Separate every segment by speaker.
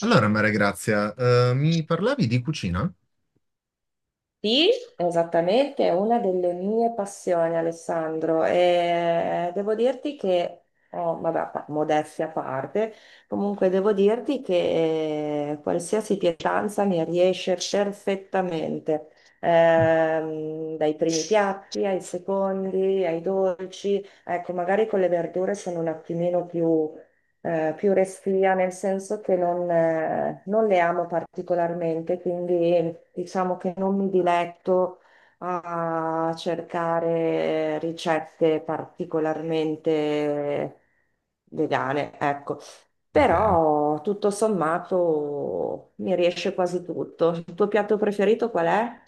Speaker 1: Allora, Maria Grazia, mi parlavi di cucina?
Speaker 2: Sì, esattamente, è una delle mie passioni, Alessandro, e devo dirti che, oh, vabbè, modestia a parte, comunque devo dirti che qualsiasi pietanza mi riesce perfettamente.
Speaker 1: Mm.
Speaker 2: Dai primi piatti ai secondi, ai dolci, ecco, magari con le verdure sono un attimino più più restia, nel senso che non le amo particolarmente, quindi diciamo che non mi diletto a cercare ricette particolarmente vegane, ecco.
Speaker 1: Ok.
Speaker 2: Però tutto sommato mi riesce quasi tutto. Il tuo piatto preferito qual è?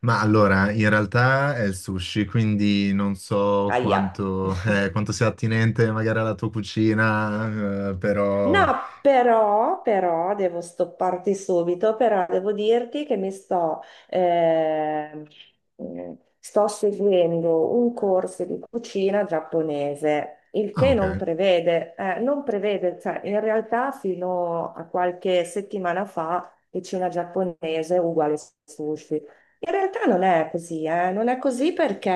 Speaker 1: Ma allora, in realtà è il sushi, quindi non so
Speaker 2: Aia.
Speaker 1: quanto, quanto sia attinente magari alla tua cucina,
Speaker 2: No,
Speaker 1: però...
Speaker 2: però devo stopparti subito, però devo dirti che ehm, sto seguendo un corso di cucina giapponese, il
Speaker 1: Ah,
Speaker 2: che non
Speaker 1: ok.
Speaker 2: prevede, cioè in realtà fino a qualche settimana fa cucina giapponese è uguale sushi. In realtà non è così, non è così perché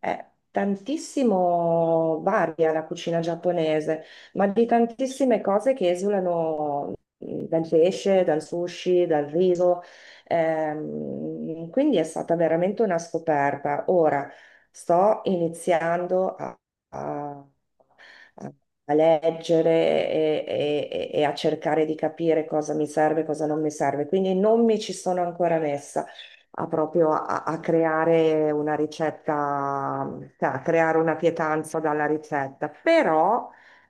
Speaker 2: tantissimo varia la cucina giapponese ma di tantissime cose che esulano dal pesce, dal sushi, dal riso. Quindi è stata veramente una scoperta. Ora sto iniziando a- a- a leggere e a cercare di capire cosa mi serve e cosa non mi serve. Quindi non mi ci sono ancora messa a a creare una ricetta, cioè a creare una pietanza dalla ricetta, però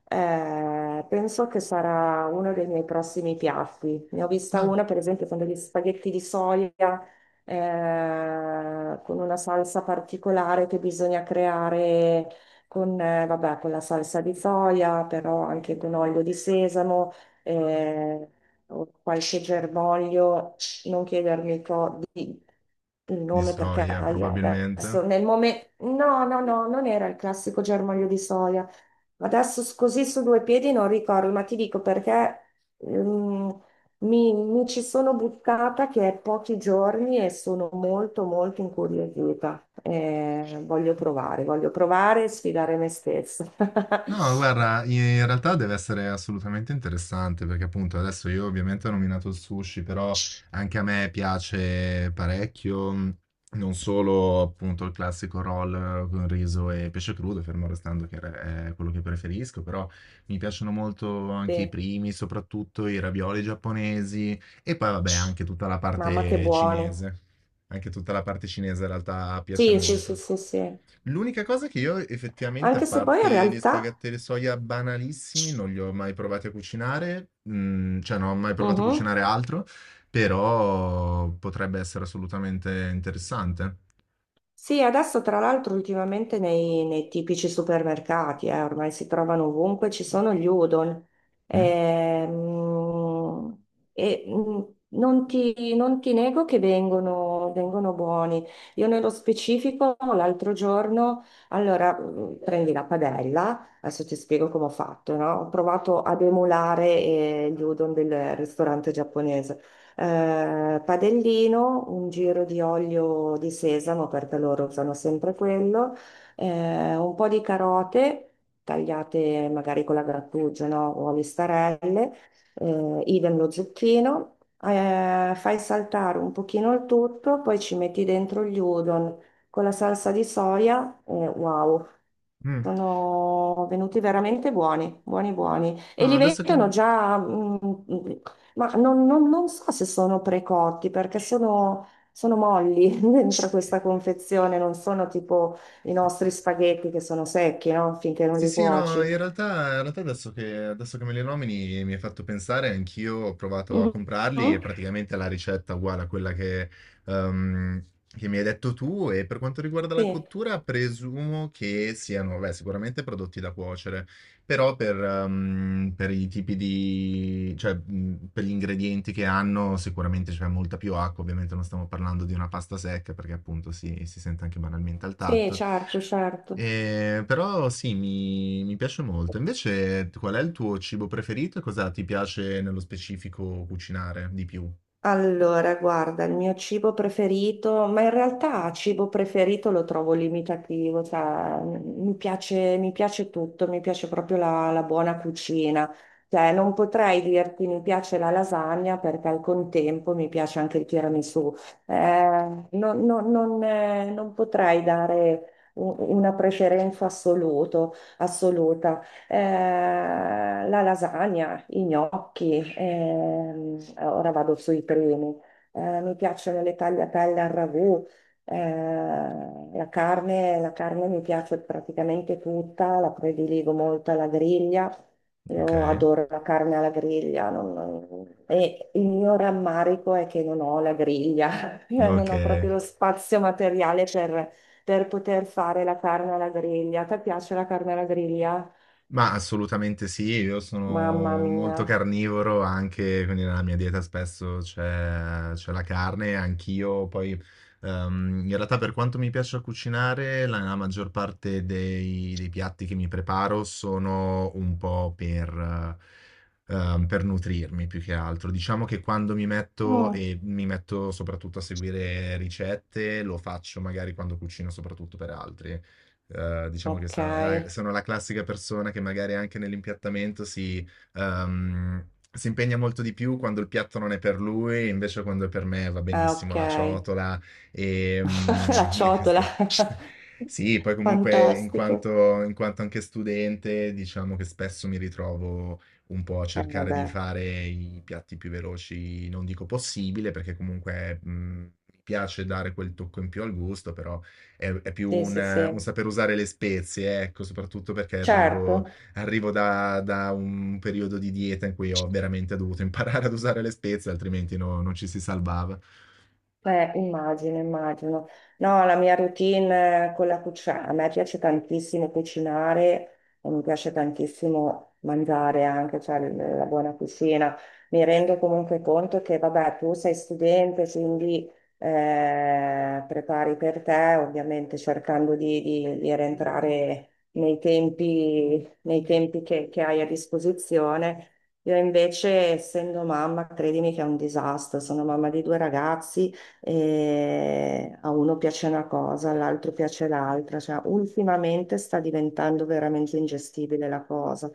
Speaker 2: penso che sarà uno dei miei prossimi piatti. Ne ho vista
Speaker 1: Ah,
Speaker 2: una, per esempio, con degli spaghetti di soia, con una salsa particolare che bisogna creare con, vabbè, con la salsa di soia, però anche con olio di sesamo, eh, o qualche germoglio. Non chiedermi il
Speaker 1: di
Speaker 2: nome perché
Speaker 1: soia,
Speaker 2: ahia, adesso
Speaker 1: probabilmente.
Speaker 2: nel momento... No, no, no, non era il classico germoglio di soia. Adesso così su due piedi non ricordo, ma ti dico perché ehm, mi ci sono buttata che è pochi giorni e sono molto molto incuriosita. Voglio provare e sfidare me stessa.
Speaker 1: No, guarda, in realtà deve essere assolutamente interessante perché appunto adesso io ovviamente ho nominato il sushi, però anche a me piace parecchio, non solo appunto il classico roll con riso e pesce crudo, fermo restando che è quello che preferisco, però mi piacciono molto anche i
Speaker 2: Sì,
Speaker 1: primi, soprattutto i ravioli giapponesi e poi vabbè anche tutta la
Speaker 2: mamma che
Speaker 1: parte
Speaker 2: buone.
Speaker 1: cinese. Anche tutta la parte cinese in realtà piace
Speaker 2: Sì, sì, sì,
Speaker 1: molto.
Speaker 2: sì, sì.
Speaker 1: L'unica cosa che io effettivamente, a
Speaker 2: Anche se poi in
Speaker 1: parte gli
Speaker 2: realtà...
Speaker 1: spaghetti alle soia banalissimi, non li ho mai provati a cucinare, mm, cioè non ho mai provato a
Speaker 2: Mhm.
Speaker 1: cucinare altro, però potrebbe essere assolutamente interessante.
Speaker 2: Sì, adesso tra l'altro ultimamente nei tipici supermercati, ormai si trovano ovunque, ci sono gli udon.
Speaker 1: Mm?
Speaker 2: Ehm, E, mm, non ti nego che vengono buoni. Io nello specifico l'altro giorno, prendi la padella, adesso ti spiego come ho fatto, no? Ho provato ad emulare gli udon del ristorante giapponese. Eh, padellino, un giro di olio di sesamo perché loro usano sempre quello, un po' di carote tagliate magari con la grattugia, no? O a listarelle, idem lo zucchino, fai saltare un pochino il tutto, poi ci metti dentro gli udon con la salsa di soia e wow,
Speaker 1: Mm.
Speaker 2: sono venuti veramente buoni, buoni, buoni. E
Speaker 1: No,
Speaker 2: li
Speaker 1: adesso
Speaker 2: vendono
Speaker 1: che...
Speaker 2: già, ma non so se sono precotti perché sono molli dentro
Speaker 1: eh,
Speaker 2: questa confezione, non sono tipo i
Speaker 1: sì.
Speaker 2: nostri spaghetti che sono secchi, no? Finché non
Speaker 1: Sì,
Speaker 2: li
Speaker 1: sì, no,
Speaker 2: cuoci.
Speaker 1: in realtà adesso che me li nomini mi hai fatto pensare, anch'io ho provato a
Speaker 2: Mhm.
Speaker 1: comprarli e praticamente la ricetta è uguale a quella che mi hai detto tu e per quanto riguarda la
Speaker 2: Sì,
Speaker 1: cottura presumo che siano, beh, sicuramente prodotti da cuocere, però per i tipi di, cioè, per gli ingredienti che hanno sicuramente c'è molta più acqua, ovviamente non stiamo parlando di una pasta secca perché appunto si sente anche banalmente al
Speaker 2: sì,
Speaker 1: tatto.
Speaker 2: certo, certo.
Speaker 1: Però sì, mi piace molto. Invece, qual è il tuo cibo preferito e cosa ti piace nello specifico cucinare di più?
Speaker 2: Allora, guarda, il mio cibo preferito, ma in realtà cibo preferito lo trovo limitativo, cioè, mi piace tutto, mi piace proprio la buona cucina. Cioè, non potrei dirti mi piace la lasagna perché al contempo mi piace anche il tiramisù. Eh, Non potrei dare una assoluta. La lasagna, i gnocchi, ora vado sui primi. Mi piacciono le tagliatelle al ragù, eh, la carne mi piace praticamente tutta, la prediligo molto alla griglia.
Speaker 1: Ok,
Speaker 2: Io adoro la carne alla griglia, e il mio rammarico è che non ho la griglia. Io non
Speaker 1: ok.
Speaker 2: ho proprio lo spazio materiale per poter fare la carne alla griglia. Ti piace la carne alla griglia?
Speaker 1: Ma assolutamente sì, io
Speaker 2: Mamma
Speaker 1: sono
Speaker 2: mia.
Speaker 1: molto carnivoro anche, quindi nella mia dieta spesso c'è la carne, anch'io poi in realtà per quanto mi piaccia cucinare, la maggior parte dei piatti che mi preparo sono un po' per nutrirmi più che altro. Diciamo che quando mi metto
Speaker 2: Mm,
Speaker 1: e mi metto soprattutto a seguire ricette, lo faccio magari quando cucino soprattutto per altri diciamo che
Speaker 2: ok,
Speaker 1: sono la classica persona che magari anche nell'impiattamento si, ehm, si impegna molto di più quando il piatto non è per lui, invece quando è per me va
Speaker 2: ah, ok.
Speaker 1: benissimo la ciotola e,
Speaker 2: La
Speaker 1: mm, e
Speaker 2: ciotola.
Speaker 1: queste- Sì, poi comunque
Speaker 2: Fantastico.
Speaker 1: in quanto anche studente, diciamo che spesso mi ritrovo un po' a
Speaker 2: Eh
Speaker 1: cercare di
Speaker 2: beh,
Speaker 1: fare i piatti più veloci, non dico possibile, perché comunque mi piace dare quel tocco in più al gusto, però è più
Speaker 2: sì, sì, sì.
Speaker 1: un saper usare le spezie, ecco, soprattutto perché
Speaker 2: Certo.
Speaker 1: arrivo, arrivo da un periodo di dieta in cui ho veramente dovuto imparare ad usare le spezie, altrimenti non ci si salvava.
Speaker 2: Immagino, immagino. No, la mia routine con la cucina, a me piace tantissimo cucinare e mi piace tantissimo mangiare anche, cioè la buona cucina. Mi rendo comunque conto che, vabbè, tu sei studente, quindi prepari per te, ovviamente cercando di rientrare nei tempi che hai a disposizione. Io invece, essendo mamma, credimi che è un disastro. Sono mamma di due ragazzi e a uno piace una cosa, all'altro piace l'altra, cioè ultimamente sta diventando veramente ingestibile la cosa.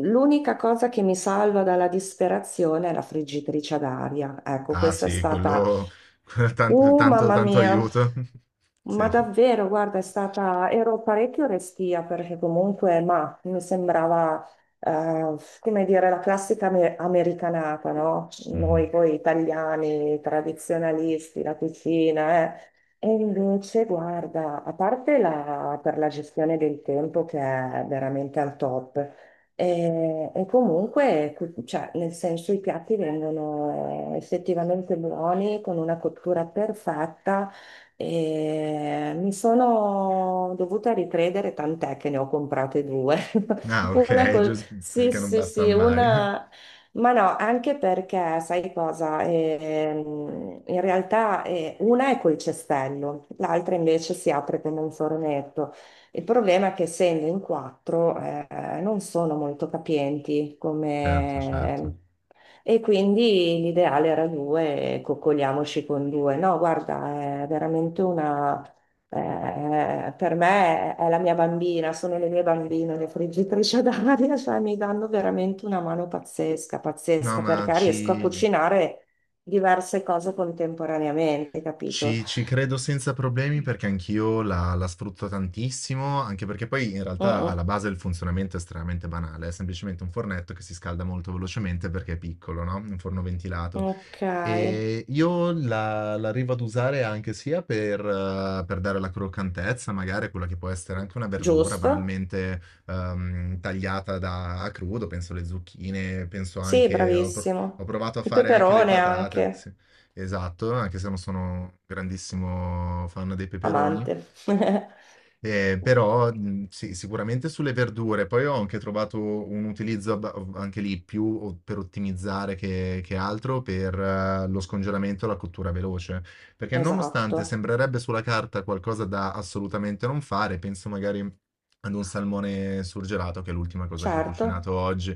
Speaker 2: L'unica cosa che mi salva dalla disperazione è la friggitrice ad aria. Ecco,
Speaker 1: Ah
Speaker 2: questa è
Speaker 1: sì,
Speaker 2: stata,
Speaker 1: quello, tanto,
Speaker 2: mamma
Speaker 1: tanto
Speaker 2: mia.
Speaker 1: aiuto. Sì.
Speaker 2: Ma davvero, guarda, è stata, ero parecchio restia perché comunque, ma mi sembrava, come dire, la classica americanata, no?
Speaker 1: Mhm.
Speaker 2: Noi poi italiani, tradizionalisti, la cucina, eh. E invece, guarda, a parte per la gestione del tempo che è veramente al top, e comunque, cioè, nel senso, i piatti vengono effettivamente buoni, con una cottura perfetta. E mi sono dovuta ricredere, tant'è che ne ho comprate due.
Speaker 1: Ah,
Speaker 2: Una
Speaker 1: ok,
Speaker 2: col...
Speaker 1: giusto
Speaker 2: Sì,
Speaker 1: perché non
Speaker 2: sì,
Speaker 1: basta
Speaker 2: sì,
Speaker 1: mai.
Speaker 2: una... Ma no, anche perché, sai cosa? In realtà una è col cestello, l'altra invece si apre come un fornetto. Il problema è che essendo in quattro non sono molto capienti
Speaker 1: Certo, certo.
Speaker 2: come... e quindi l'ideale era due, coccoliamoci con due. No, guarda, è veramente una... per me è la mia bambina, sono le mie bambine, le friggitrici ad aria, cioè mi danno veramente una mano pazzesca,
Speaker 1: No,
Speaker 2: pazzesca,
Speaker 1: ma
Speaker 2: perché
Speaker 1: ci,
Speaker 2: riesco a cucinare diverse cose contemporaneamente, capito?
Speaker 1: Ci credo senza problemi perché anch'io la sfrutto tantissimo, anche perché poi in
Speaker 2: Mm,
Speaker 1: realtà alla
Speaker 2: mm.
Speaker 1: base il funzionamento è estremamente banale, è semplicemente un fornetto che si scalda molto velocemente perché è piccolo, no, un forno ventilato.
Speaker 2: Ok.
Speaker 1: Io la arrivo ad usare anche sia per dare la croccantezza, magari quella che può essere anche una verdura
Speaker 2: Giusto?
Speaker 1: banalmente, tagliata da a crudo, penso alle zucchine, penso
Speaker 2: Sì,
Speaker 1: anche ho
Speaker 2: bravissimo.
Speaker 1: provato a
Speaker 2: Il
Speaker 1: fare anche le
Speaker 2: peperone
Speaker 1: patate,
Speaker 2: anche,
Speaker 1: sì. Esatto, anche se non sono un grandissimo fan dei peperoni.
Speaker 2: amante.
Speaker 1: Però sì, sicuramente sulle verdure. Poi ho anche trovato un utilizzo anche lì per ottimizzare che altro per lo scongelamento e la cottura veloce. Perché
Speaker 2: Esatto,
Speaker 1: nonostante sembrerebbe sulla carta qualcosa da assolutamente non fare, penso magari ad un salmone surgelato, che è l'ultima cosa che ho
Speaker 2: certo.
Speaker 1: cucinato oggi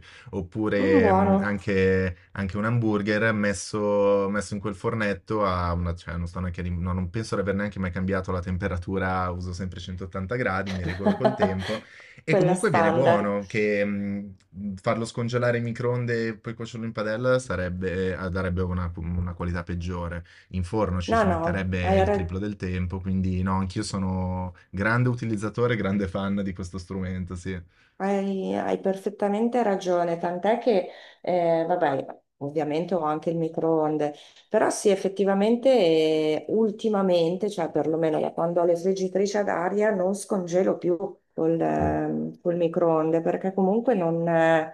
Speaker 2: Mm,
Speaker 1: oppure
Speaker 2: buono.
Speaker 1: anche, anche un hamburger messo, messo in quel fornetto a una, cioè non sto neanche, no, non penso di aver neanche mai cambiato la temperatura, uso sempre 180 gradi, mi regolo col tempo e
Speaker 2: Quella
Speaker 1: comunque viene
Speaker 2: standard.
Speaker 1: buono che farlo scongelare in microonde e poi cuocerlo in padella sarebbe, darebbe una qualità peggiore. In forno ci
Speaker 2: No,
Speaker 1: si
Speaker 2: no, hai
Speaker 1: metterebbe il
Speaker 2: ragione.
Speaker 1: triplo del tempo, quindi no, anch'io sono grande utilizzatore, grande fan di questo strumento, sì.
Speaker 2: Hai perfettamente ragione, tant'è che, vabbè, ovviamente ho anche il microonde, però sì, effettivamente, ultimamente, cioè perlomeno da quando ho le friggitrici ad aria, non scongelo più col,
Speaker 1: Mm.
Speaker 2: col microonde, perché comunque non,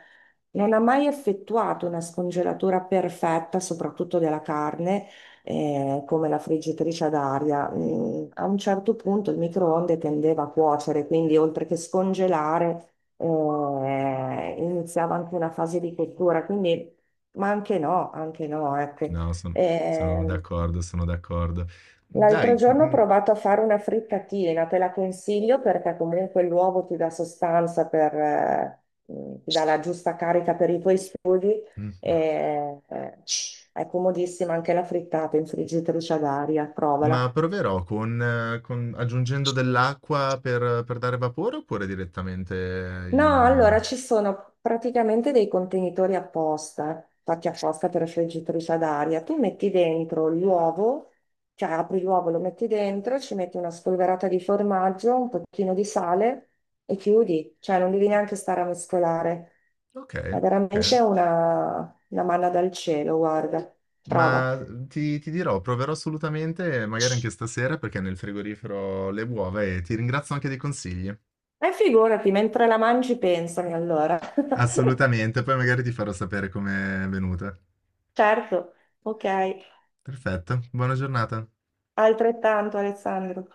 Speaker 2: non ha mai effettuato una scongelatura perfetta, soprattutto della carne, come la friggitrice ad aria. Mm, a un certo punto il microonde tendeva a cuocere, quindi oltre che scongelare iniziava anche una fase di cottura, quindi, ma anche no, ecco.
Speaker 1: No, son sono
Speaker 2: Eh,
Speaker 1: d'accordo, sono d'accordo.
Speaker 2: l'altro
Speaker 1: Dai,
Speaker 2: giorno ho
Speaker 1: mhmm,
Speaker 2: provato a fare una frittatina, te la consiglio perché comunque l'uovo ti dà sostanza per, ti dà la giusta carica per i tuoi studi.
Speaker 1: mh-mh,
Speaker 2: e, eh, è comodissima anche la frittata in friggitrice ad aria, provala.
Speaker 1: ma proverò con aggiungendo dell'acqua per dare vapore oppure direttamente
Speaker 2: No,
Speaker 1: in
Speaker 2: allora ci sono praticamente dei contenitori apposta, fatti apposta per la friggitrice ad aria. Tu metti dentro l'uovo, cioè apri l'uovo, lo metti dentro, ci metti una spolverata di formaggio, un pochino di sale e chiudi, cioè non devi neanche stare a mescolare. È
Speaker 1: okay, okay.
Speaker 2: veramente una manna dal cielo, guarda, prova.
Speaker 1: Ma mm, ti dirò, proverò assolutamente, magari anche stasera, perché nel frigorifero ho le uova e ti ringrazio anche dei consigli.
Speaker 2: E figurati, mentre la mangi pensami allora.
Speaker 1: Assolutamente, poi magari ti farò sapere com'è venuta.
Speaker 2: Certo, ok,
Speaker 1: Perfetto, buona giornata.
Speaker 2: altrettanto Alessandro.